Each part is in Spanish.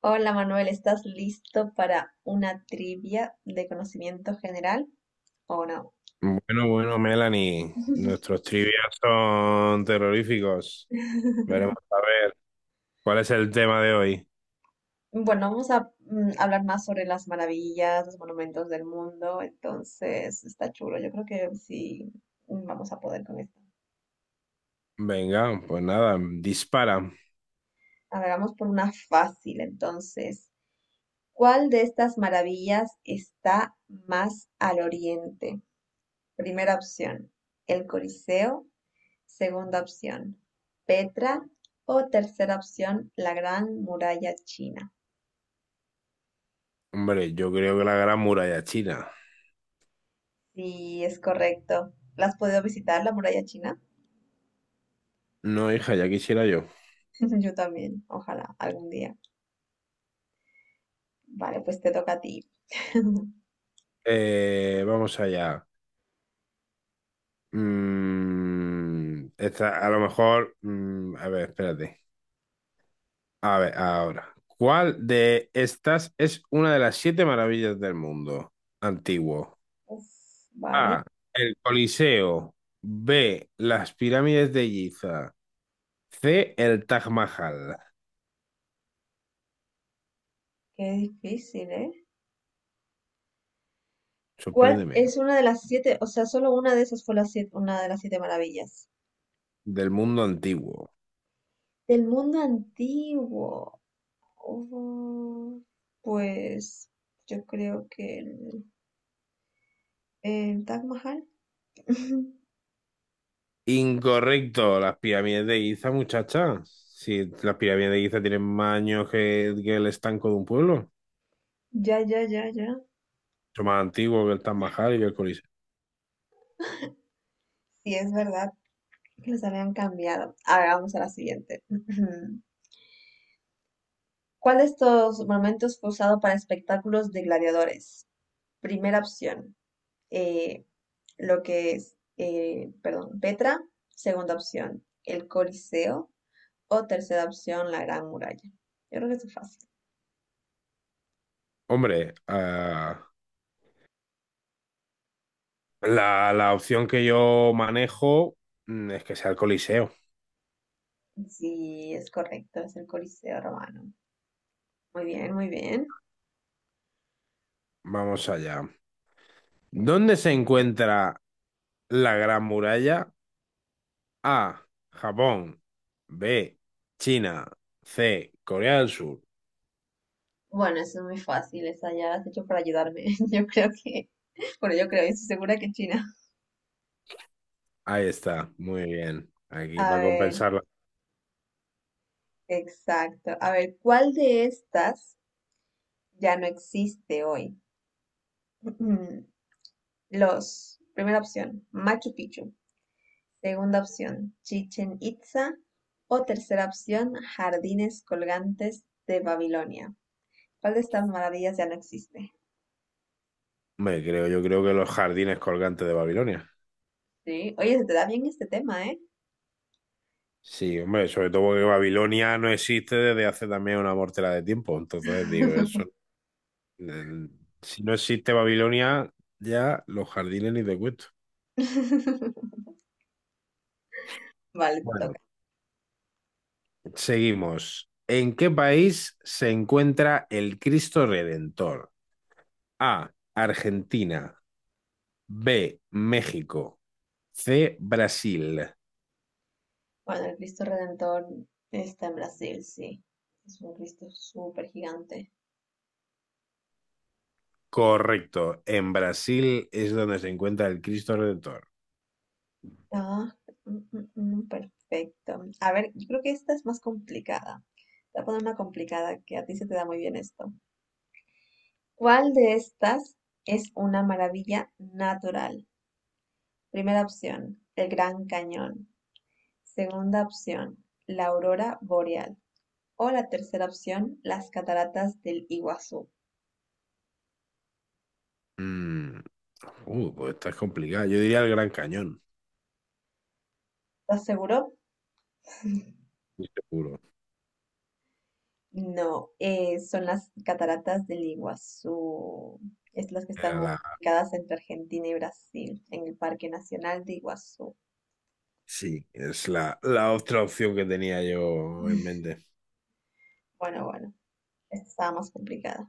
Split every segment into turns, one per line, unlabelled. Hola Manuel, ¿estás listo para una trivia de conocimiento general o no?
Bueno, bueno, Melanie, nuestros trivias son terroríficos. Veremos a ver cuál es el tema de hoy.
Bueno, vamos a hablar más sobre las maravillas, los monumentos del mundo, entonces está chulo, yo creo que sí. Vamos a poder con esto.
Venga, pues nada, dispara.
A ver, vamos por una fácil, entonces, ¿cuál de estas maravillas está más al oriente? Primera opción, el Coliseo. Segunda opción, Petra, o tercera opción, la Gran Muralla China.
Hombre, yo creo que la Gran Muralla China.
Sí, es correcto. ¿La has podido visitar, la Muralla China?
No, hija, ya quisiera yo.
Yo también, ojalá, algún día. Vale, pues te toca a ti.
Vamos allá. Esta, a lo mejor. A ver, espérate. A ver, ahora. ¿Cuál de estas es una de las siete maravillas del mundo antiguo?
Uf, vale,
A. El Coliseo. B. Las pirámides de Giza. C. El Taj Mahal.
qué difícil, ¿eh? ¿Cuál
Sorpréndeme.
es una de las siete? O sea, solo una de esas fue una de las siete maravillas.
Del mundo antiguo.
Del mundo antiguo. Oh, pues yo creo que el Taj Mahal.
Incorrecto. Las pirámides de Giza, muchacha. Si las pirámides de Giza tienen más años que el estanco de un pueblo.
Ya, ya, ya, ya.
Son más antiguos que el Taj Mahal y que el Coliseo.
Sí, es verdad que los habían cambiado. A ver, vamos a la siguiente. ¿Cuál de estos momentos fue usado para espectáculos de gladiadores? Primera opción, eh, lo que es, perdón, Petra. Segunda opción, el Coliseo. O tercera opción, la Gran Muralla. Yo creo que eso es fácil.
Hombre, la opción que yo manejo es que sea el Coliseo.
Sí, es correcto, es el Coliseo romano. Muy bien, muy bien.
Vamos allá. ¿Dónde se encuentra la Gran Muralla? A. Japón. B. China. C. Corea del Sur.
Bueno, eso es muy fácil, esa ya la has hecho para ayudarme. Yo creo que, bueno, yo creo, yo estoy segura que China.
Ahí está. Muy bien. Aquí
A
para
ver,
compensarla.
exacto. A ver, ¿cuál de estas ya no existe hoy? Primera opción, Machu Picchu. Segunda opción, Chichen Itza. O tercera opción, Jardines Colgantes de Babilonia. ¿Cuál de estas maravillas ya no existe?
Hombre, creo, yo creo que los jardines colgantes de Babilonia.
Sí, oye, se te da bien este tema, ¿eh?
Sí, hombre, sobre todo porque Babilonia no existe desde hace también una mortera de tiempo. Entonces, digo, eso. eh, Si no existe Babilonia, ya los jardines ni te cuento.
Vale, te
Bueno,
toca.
seguimos. ¿En qué país se encuentra el Cristo Redentor? A. Argentina. B, México. C, Brasil.
Bueno, el Cristo Redentor está en Brasil, sí. Es un Cristo súper gigante.
Correcto. En Brasil es donde se encuentra el Cristo Redentor.
Ah, perfecto. A ver, yo creo que esta es más complicada. Te voy a poner una complicada que a ti se te da muy bien esto. ¿Cuál de estas es una maravilla natural? Primera opción, el Gran Cañón. Segunda opción, la aurora boreal. O la tercera opción, las cataratas del Iguazú.
Mm. Pues esta es complicada. Yo diría el Gran Cañón,
¿Estás seguro?
estoy seguro.
No, son las cataratas del Iguazú. Es las que están
Era
ubicadas entre Argentina y Brasil, en el Parque Nacional de Iguazú.
sí, es la otra opción que tenía yo en mente.
Bueno, bueno, esta estaba más complicada.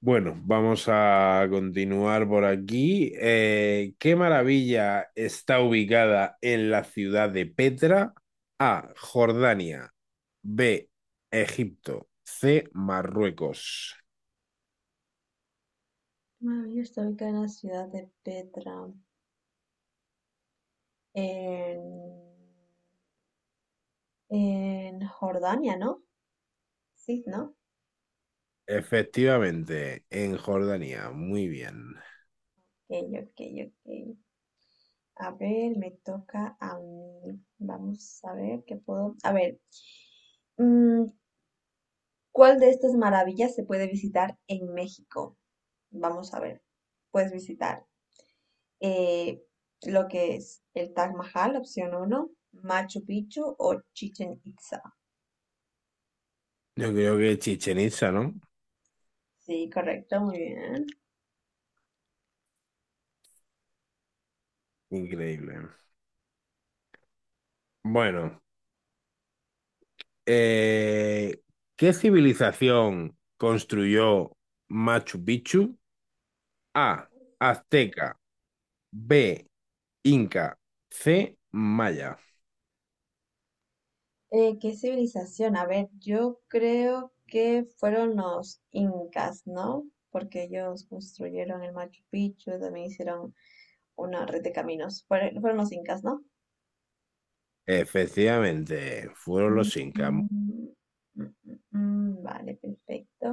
Bueno, vamos a continuar por aquí. ¿Qué maravilla está ubicada en la ciudad de Petra? A. Jordania. B. Egipto. C. Marruecos.
Maravilla está ubicada en la ciudad de Petra, en, en Jordania, ¿no? Sí, ¿no?
Efectivamente, en Jordania. Muy bien.
Ok, ok, ok. A ver, me toca a mí. Vamos a ver qué puedo. A ver. ¿Cuál de estas maravillas se puede visitar en México? Vamos a ver. Puedes visitar eh, lo que es el Taj Mahal, opción uno, Machu Picchu o Chichen Itza.
Yo creo que Chichen Itza, ¿no?
Sí, correcto, muy bien.
Increíble. Bueno, eh, ¿qué civilización construyó Machu Picchu? A. Azteca. B. Inca. C, Maya.
¿Qué civilización? A ver, yo creo que fueron los incas, ¿no? Porque ellos construyeron el Machu Picchu, también hicieron una red de caminos. Fueron los incas, ¿no?
Efectivamente, fueron
Mm,
los Incas.
mm, mm, mm, vale, perfecto.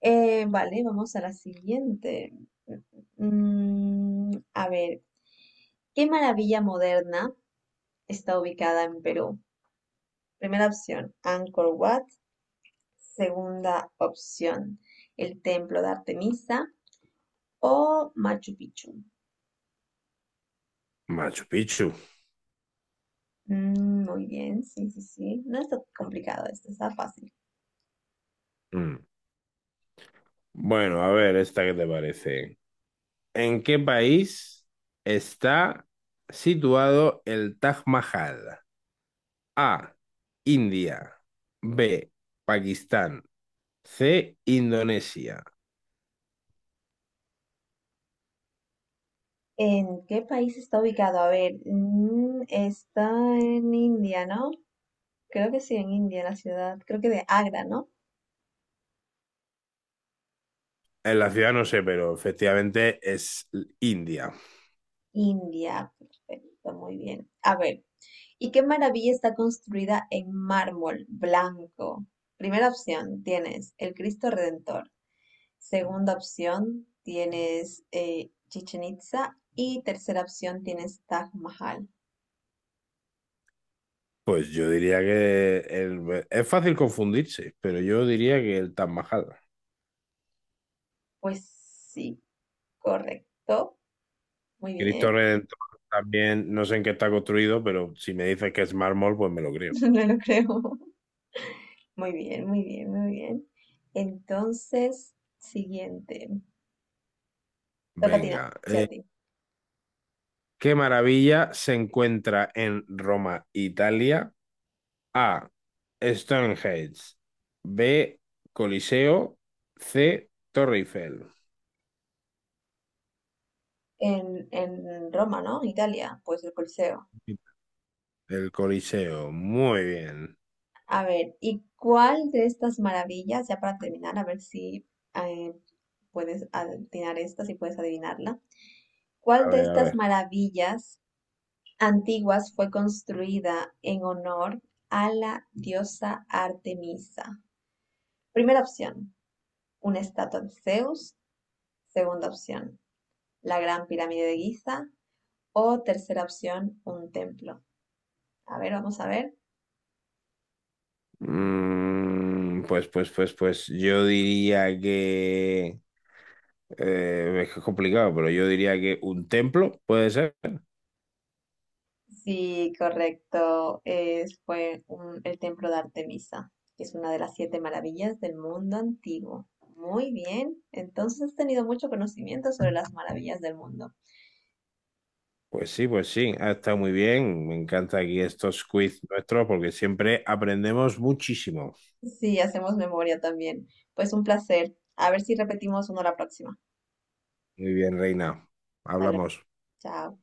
Vale, vamos a la siguiente. Mm, a ver, ¿qué maravilla moderna está ubicada en Perú? Primera opción, Angkor Wat. Segunda opción, el Templo de Artemisa, o Machu Picchu.
Machu Picchu.
Mm, muy bien, sí, sí, sí. No está complicado esto, está fácil.
Mm. Bueno, a ver, esta que te parece. ¿En qué país está situado el Taj Mahal? A, India. B, Pakistán. C, Indonesia.
¿En qué país está ubicado? A ver, está en India, ¿no? Creo que sí, en India, la ciudad, creo que de Agra, ¿no?
En la ciudad no sé, pero efectivamente es India.
India, perfecto, muy bien. A ver, ¿y qué maravilla está construida en mármol blanco? Primera opción, tienes el Cristo Redentor. Segunda opción, tienes Chichen Itza. Y tercera opción, tienes Taj Mahal.
Pues yo diría que el- es fácil confundirse, pero yo diría que el Taj Mahal.
Pues sí, correcto. Muy bien,
Cristo Redentor también, no sé en qué está construido, pero si me dices que es mármol, pues me lo creo.
no lo creo. Muy bien, muy bien, muy bien. Entonces, siguiente. Toca a ti, ¿no?
Venga.
Sí, a ti.
¿Qué maravilla se encuentra en Roma, Italia? A. Stonehenge. B. Coliseo. C. Torre Eiffel.
En Roma, ¿no? Italia, pues el Coliseo.
El Coliseo. Muy bien.
A ver, ¿y cuál de estas maravillas, ya para terminar, a ver si eh, puedes adivinar esta, si puedes adivinarla?
A
¿Cuál de
ver, a
estas
ver.
maravillas antiguas fue construida en honor a la diosa Artemisa? Primera opción, una estatua de Zeus. Segunda opción, la Gran Pirámide de Giza. O tercera opción, un templo. A ver, vamos a ver.
Yo diría que... es que es complicado, pero yo diría que un templo, ¿puede ser?
Sí, correcto. El templo de Artemisa, que es una de las siete maravillas del mundo antiguo. Muy bien. Entonces has tenido mucho conocimiento sobre las maravillas del mundo.
Pues sí, ha estado muy bien. Me encanta aquí estos quiz nuestros porque siempre aprendemos muchísimo.
Sí, hacemos memoria también. Pues un placer. A ver si repetimos uno la próxima.
Muy bien, Reina.
Dale,
Hablamos.
chao.